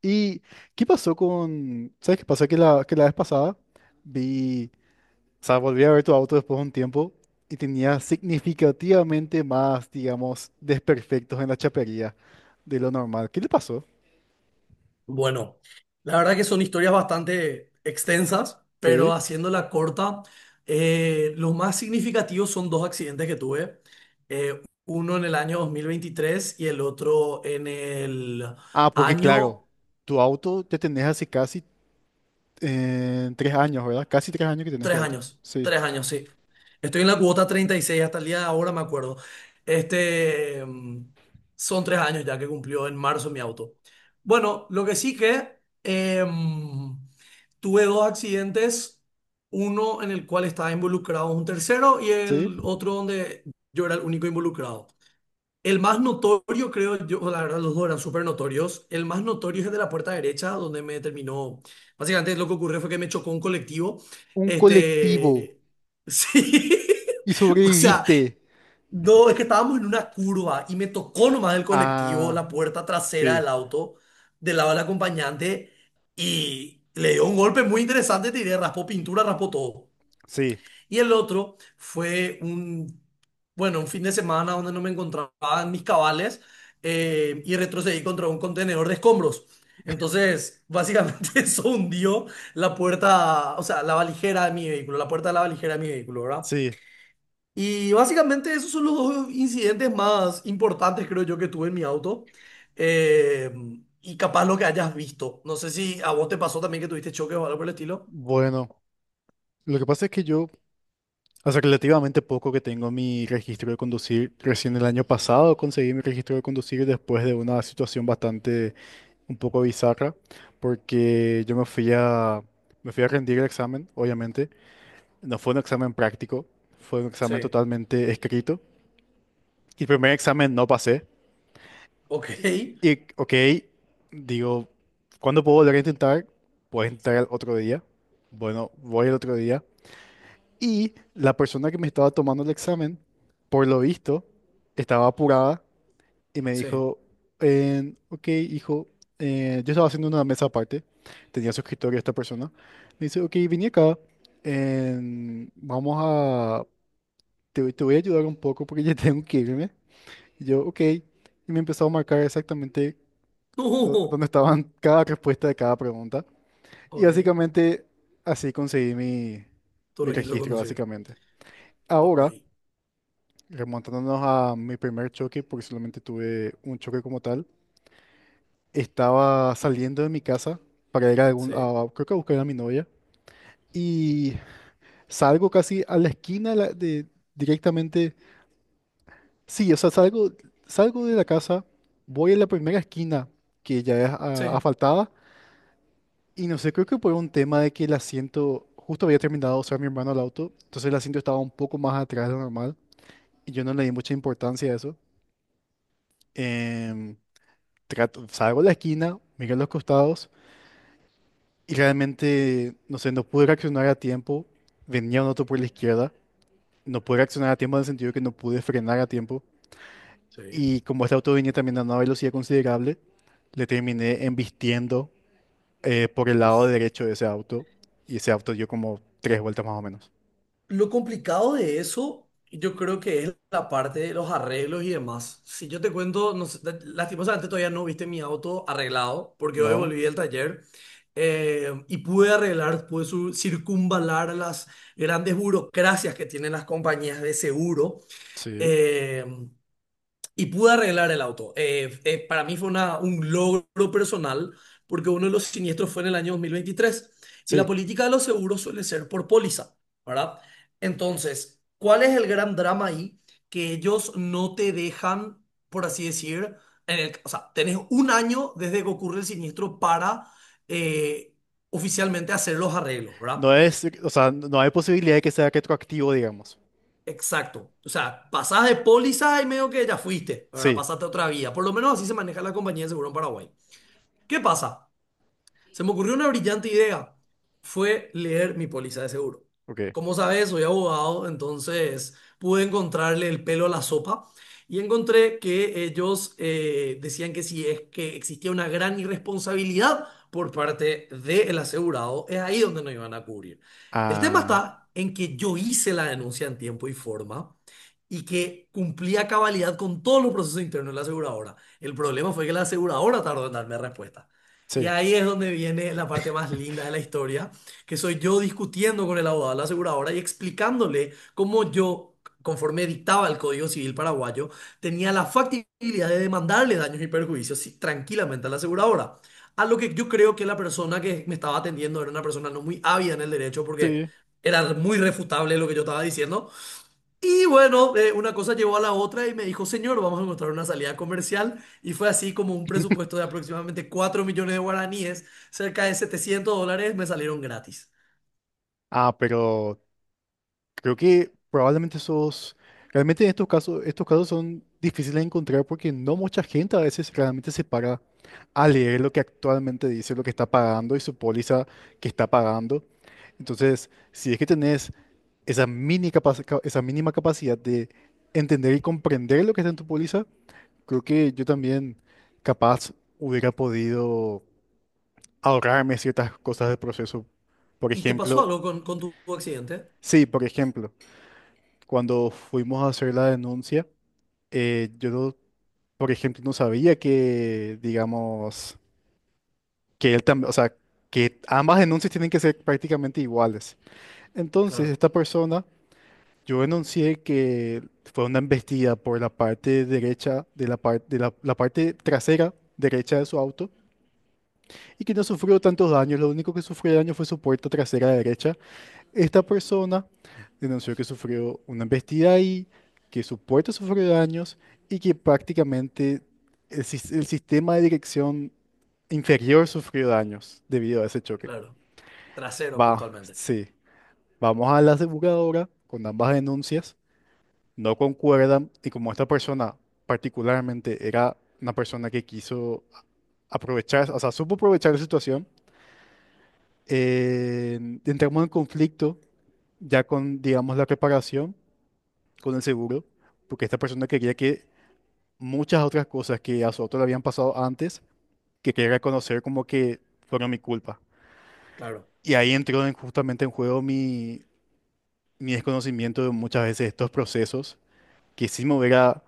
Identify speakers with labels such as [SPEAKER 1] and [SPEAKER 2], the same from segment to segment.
[SPEAKER 1] ¿Y qué pasó con...? ¿Sabes qué pasó? Que la vez pasada vi... O sea, volví a ver tu auto después de un tiempo y tenía significativamente más, digamos, desperfectos en la chapería de lo normal. ¿Qué le pasó?
[SPEAKER 2] Bueno, la verdad que son historias bastante extensas, pero
[SPEAKER 1] Sí.
[SPEAKER 2] haciéndola corta, los más significativos son dos accidentes que tuve, uno en el año 2023 y el otro en el
[SPEAKER 1] Ah, porque claro,
[SPEAKER 2] año.
[SPEAKER 1] tu auto te tenés hace casi tres años, ¿verdad? Casi tres años que tenés tu
[SPEAKER 2] Tres
[SPEAKER 1] auto.
[SPEAKER 2] años,
[SPEAKER 1] Sí.
[SPEAKER 2] 3 años, sí. Estoy en la cuota 36 hasta el día de ahora, me acuerdo. Este, mm, son 3 años ya que cumplió en marzo mi auto. Bueno, lo que sí que tuve dos accidentes, uno en el cual estaba involucrado un tercero y
[SPEAKER 1] Sí.
[SPEAKER 2] el otro donde yo era el único involucrado. El más notorio, creo yo, la verdad, los dos eran súper notorios. El más notorio es el de la puerta derecha, donde me terminó. Básicamente, lo que ocurrió fue que me chocó un colectivo.
[SPEAKER 1] Un colectivo.
[SPEAKER 2] Este. Sí.
[SPEAKER 1] Y
[SPEAKER 2] O sea,
[SPEAKER 1] sobreviviste.
[SPEAKER 2] no, es que estábamos en una curva y me tocó nomás el colectivo,
[SPEAKER 1] Ah,
[SPEAKER 2] la puerta trasera
[SPEAKER 1] sí,
[SPEAKER 2] del auto, del lado del acompañante, y le dio un golpe muy interesante, te diré, raspó pintura, raspó todo.
[SPEAKER 1] sí,
[SPEAKER 2] Y el otro fue un, bueno, un fin de semana donde no me encontraba en mis cabales y retrocedí contra un contenedor de escombros. Entonces, básicamente eso hundió la puerta, o sea, la valijera de mi vehículo, la puerta de la valijera de mi vehículo, ¿verdad?
[SPEAKER 1] sí.
[SPEAKER 2] Y básicamente esos son los dos incidentes más importantes, creo yo, que tuve en mi auto. Eh, y capaz lo que hayas visto. No sé si a vos te pasó también que tuviste choques o algo por el estilo.
[SPEAKER 1] Bueno, lo que pasa es que yo... Hace relativamente poco que tengo mi registro de conducir. Recién el año pasado conseguí mi registro de conducir después de una situación bastante un poco bizarra, porque yo me fui a rendir el examen, obviamente. No fue un examen práctico, fue un examen
[SPEAKER 2] Sí.
[SPEAKER 1] totalmente escrito. Y el primer examen no pasé.
[SPEAKER 2] Ok.
[SPEAKER 1] Y ok, digo, ¿cuándo puedo volver a intentar? Puedes intentar el otro día. Bueno, voy el otro día. Y la persona que me estaba tomando el examen, por lo visto, estaba apurada y me
[SPEAKER 2] Sí.
[SPEAKER 1] dijo, ok, hijo, yo estaba haciendo una mesa aparte, tenía su escritorio esta persona. Me dice, ok, vine acá, vamos a, te voy a ayudar un poco porque ya tengo que irme. Y yo, ok, y me empezó a marcar exactamente dónde
[SPEAKER 2] No.
[SPEAKER 1] estaban cada respuesta de cada pregunta. Y
[SPEAKER 2] Ok.
[SPEAKER 1] básicamente así conseguí mi,
[SPEAKER 2] Tu
[SPEAKER 1] mi
[SPEAKER 2] registro de
[SPEAKER 1] registro,
[SPEAKER 2] conducir.
[SPEAKER 1] básicamente.
[SPEAKER 2] Ok.
[SPEAKER 1] Ahora... Remontándonos a mi primer choque, porque solamente tuve un choque como tal, estaba saliendo de mi casa para ir a algún,
[SPEAKER 2] Sí.
[SPEAKER 1] creo que a buscar a mi novia y salgo casi a la esquina de, directamente, sí, o sea, salgo, salgo de la casa, voy a la primera esquina que ya es
[SPEAKER 2] Sí.
[SPEAKER 1] asfaltada y no sé, creo que por un tema de que el asiento, justo había terminado de usar mi hermano el auto, entonces el asiento estaba un poco más atrás de lo normal y yo no le di mucha importancia a eso. Em, salgo a la esquina, miré a los costados y realmente, no sé, no pude reaccionar a tiempo. Venía un auto por la izquierda, no pude reaccionar a tiempo en el sentido que no pude frenar a tiempo.
[SPEAKER 2] Sí.
[SPEAKER 1] Y como este auto venía también a una velocidad considerable, le terminé embistiendo por el lado
[SPEAKER 2] Uf.
[SPEAKER 1] derecho de ese auto y ese auto dio como tres vueltas más o menos.
[SPEAKER 2] Lo complicado de eso, yo creo que es la parte de los arreglos y demás. Si yo te cuento, no sé, lastimosamente todavía no viste mi auto arreglado, porque hoy
[SPEAKER 1] ¿No?
[SPEAKER 2] volví del taller y pude arreglar, circunvalar las grandes burocracias que tienen las compañías de seguro.
[SPEAKER 1] Sí.
[SPEAKER 2] eh, Y pude arreglar el auto. Para mí fue un logro personal porque uno de los siniestros fue en el año 2023 y la
[SPEAKER 1] Sí.
[SPEAKER 2] política de los seguros suele ser por póliza, ¿verdad? Entonces, ¿cuál es el gran drama ahí? Que ellos no te dejan, por así decir, en el, o sea, tenés un año desde que ocurre el siniestro para eh, oficialmente hacer los arreglos, ¿verdad?
[SPEAKER 1] No es, o sea, no hay posibilidad de que sea retroactivo, digamos.
[SPEAKER 2] Exacto. O sea, pasás de póliza y medio que ya fuiste, ahora
[SPEAKER 1] Sí.
[SPEAKER 2] pasaste a otra vía. Por lo menos así se maneja la compañía de seguro en Paraguay. ¿Qué pasa? Se me ocurrió una brillante idea. Fue leer mi póliza de seguro.
[SPEAKER 1] Ok.
[SPEAKER 2] Como sabes, soy abogado, entonces pude encontrarle el pelo a la sopa y encontré que ellos decían que si es que existía una gran irresponsabilidad por parte del asegurado, es ahí donde no iban a cubrir. El tema
[SPEAKER 1] Ah,
[SPEAKER 2] está en que yo hice la denuncia en tiempo y forma y que cumplía cabalidad con todos los procesos internos de la aseguradora. El problema fue que la aseguradora tardó en darme respuesta. Y
[SPEAKER 1] sí.
[SPEAKER 2] ahí es donde viene la parte más linda de la historia, que soy yo discutiendo con el abogado de la aseguradora y explicándole cómo yo, conforme dictaba el Código Civil paraguayo, tenía la factibilidad de demandarle daños y perjuicios sí, tranquilamente a la aseguradora. A lo que yo creo que la persona que me estaba atendiendo era una persona no muy ávida en el derecho porque
[SPEAKER 1] Sí.
[SPEAKER 2] era muy refutable lo que yo estaba diciendo, y bueno, una cosa llevó a la otra y me dijo, señor, vamos a encontrar una salida comercial. Y fue así como un presupuesto de aproximadamente 4 millones de guaraníes, cerca de 700 dólares, me salieron gratis.
[SPEAKER 1] Ah, pero creo que probablemente esos, realmente en estos casos son difíciles de encontrar porque no mucha gente a veces realmente se para a leer lo que actualmente dice, lo que está pagando y su póliza que está pagando. Entonces, si es que tenés esa esa mínima capacidad de entender y comprender lo que está en tu póliza, creo que yo también capaz hubiera podido ahorrarme ciertas cosas del proceso. Por
[SPEAKER 2] ¿Y te pasó
[SPEAKER 1] ejemplo,
[SPEAKER 2] algo con tu accidente?
[SPEAKER 1] sí, por ejemplo, cuando fuimos a hacer la denuncia, yo, no- por ejemplo, no sabía que, digamos, que él también, o sea, que ambas denuncias tienen que ser prácticamente iguales. Entonces,
[SPEAKER 2] Claro,
[SPEAKER 1] esta persona, yo denuncié que fue una embestida por la parte derecha de la, de la, la parte trasera derecha de su auto y que no sufrió tantos daños, lo único que sufrió daño fue su puerta trasera derecha. Esta persona denunció que sufrió una embestida ahí, que su puerta sufrió daños y que prácticamente el, el sistema de dirección inferior sufrió daños debido a ese choque.
[SPEAKER 2] claro. Trasero
[SPEAKER 1] Va,
[SPEAKER 2] puntualmente.
[SPEAKER 1] sí. Vamos a la aseguradora con ambas denuncias. No concuerdan y como esta persona particularmente era una persona que quiso aprovechar, o sea, supo aprovechar la situación, eh, entramos en conflicto ya con, digamos, la reparación con el seguro, porque esta persona quería que muchas otras cosas que a su auto le habían pasado antes, que quería reconocer como que fueron mi culpa.
[SPEAKER 2] Claro.
[SPEAKER 1] Y ahí justamente en juego mi, mi desconocimiento de muchas veces estos procesos, que si me hubiera,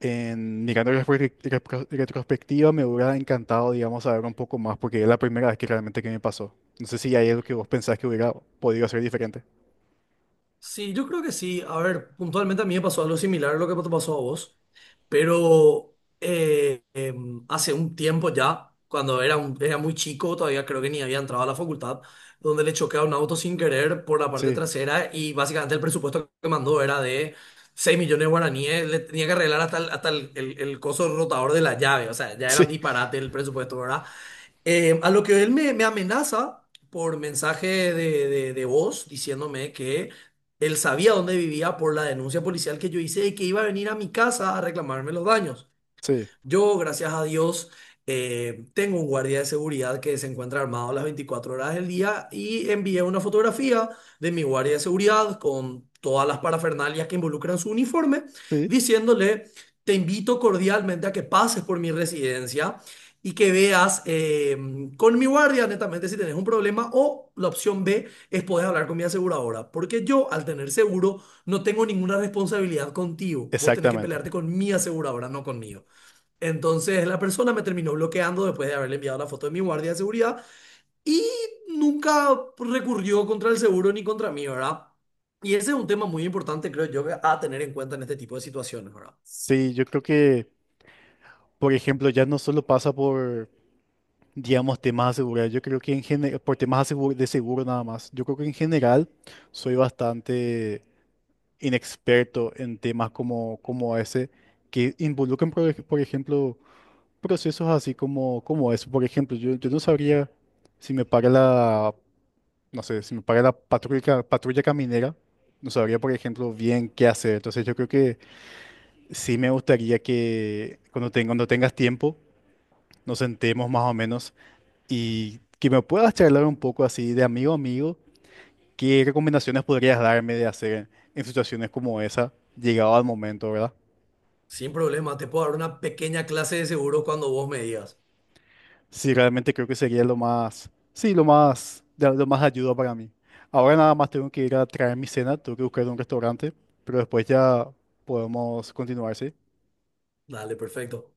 [SPEAKER 1] en, mirando en retrospectiva, me hubiera encantado, digamos, saber un poco más, porque es la primera vez que realmente que me pasó. No sé si hay algo que vos pensás que hubiera podido hacer diferente.
[SPEAKER 2] Sí, yo creo que sí. A ver, puntualmente a mí me pasó algo similar a lo que te pasó a vos. Pero hace un tiempo ya, cuando era, era muy chico, todavía creo que ni había entrado a la facultad, donde le choqué a un auto sin querer por la parte
[SPEAKER 1] Sí,
[SPEAKER 2] trasera y básicamente el presupuesto que mandó era de 6 millones de guaraníes, le tenía que arreglar hasta el coso rotador de la llave, o sea, ya era un
[SPEAKER 1] sí,
[SPEAKER 2] disparate el presupuesto, ¿verdad? A lo que él me amenaza por mensaje de voz diciéndome que él sabía dónde vivía por la denuncia policial que yo hice y que iba a venir a mi casa a reclamarme los daños.
[SPEAKER 1] sí,
[SPEAKER 2] Yo, gracias a Dios, tengo un guardia de seguridad que se encuentra armado las 24 horas del día y envié una fotografía de mi guardia de seguridad con todas las parafernalias que involucran su uniforme,
[SPEAKER 1] sí,
[SPEAKER 2] diciéndole, te invito cordialmente a que pases por mi residencia y que veas con mi guardia, netamente, si tenés un problema o la opción B es poder hablar con mi aseguradora, porque yo, al tener seguro, no tengo ninguna responsabilidad contigo. Vos tenés que
[SPEAKER 1] exactamente.
[SPEAKER 2] pelearte con mi aseguradora, no conmigo. Entonces la persona me terminó bloqueando después de haberle enviado la foto de mi guardia de seguridad y nunca recurrió contra el seguro ni contra mí, ¿verdad? Y ese es un tema muy importante, creo yo, a tener en cuenta en este tipo de situaciones, ¿verdad?
[SPEAKER 1] Sí, yo creo que... por ejemplo, ya no solo pasa por, digamos, temas de seguridad, yo creo que en general, por temas de seguro nada más, yo creo que en general soy bastante inexperto en temas como, como ese, que involucran, por ejemplo, procesos así como, como eso. Por ejemplo, yo no sabría si me para la, no sé, si me para la patrulla, patrulla caminera, no sabría, por ejemplo, bien qué hacer. Entonces yo creo que sí me gustaría que cuando, cuando tengas tiempo, nos sentemos más o menos y que me puedas charlar un poco así de amigo a amigo, ¿qué recomendaciones podrías darme de hacer en situaciones como esa, llegado al momento, ¿verdad?
[SPEAKER 2] Sin problema, te puedo dar una pequeña clase de seguro cuando vos me digas.
[SPEAKER 1] Sí, realmente creo que sería lo más, sí, lo más, lo más ayuda para mí. Ahora nada más tengo que ir a traer mi cena, tengo que buscar un restaurante, pero después ya podemos continuar, ¿sí?
[SPEAKER 2] Dale, perfecto.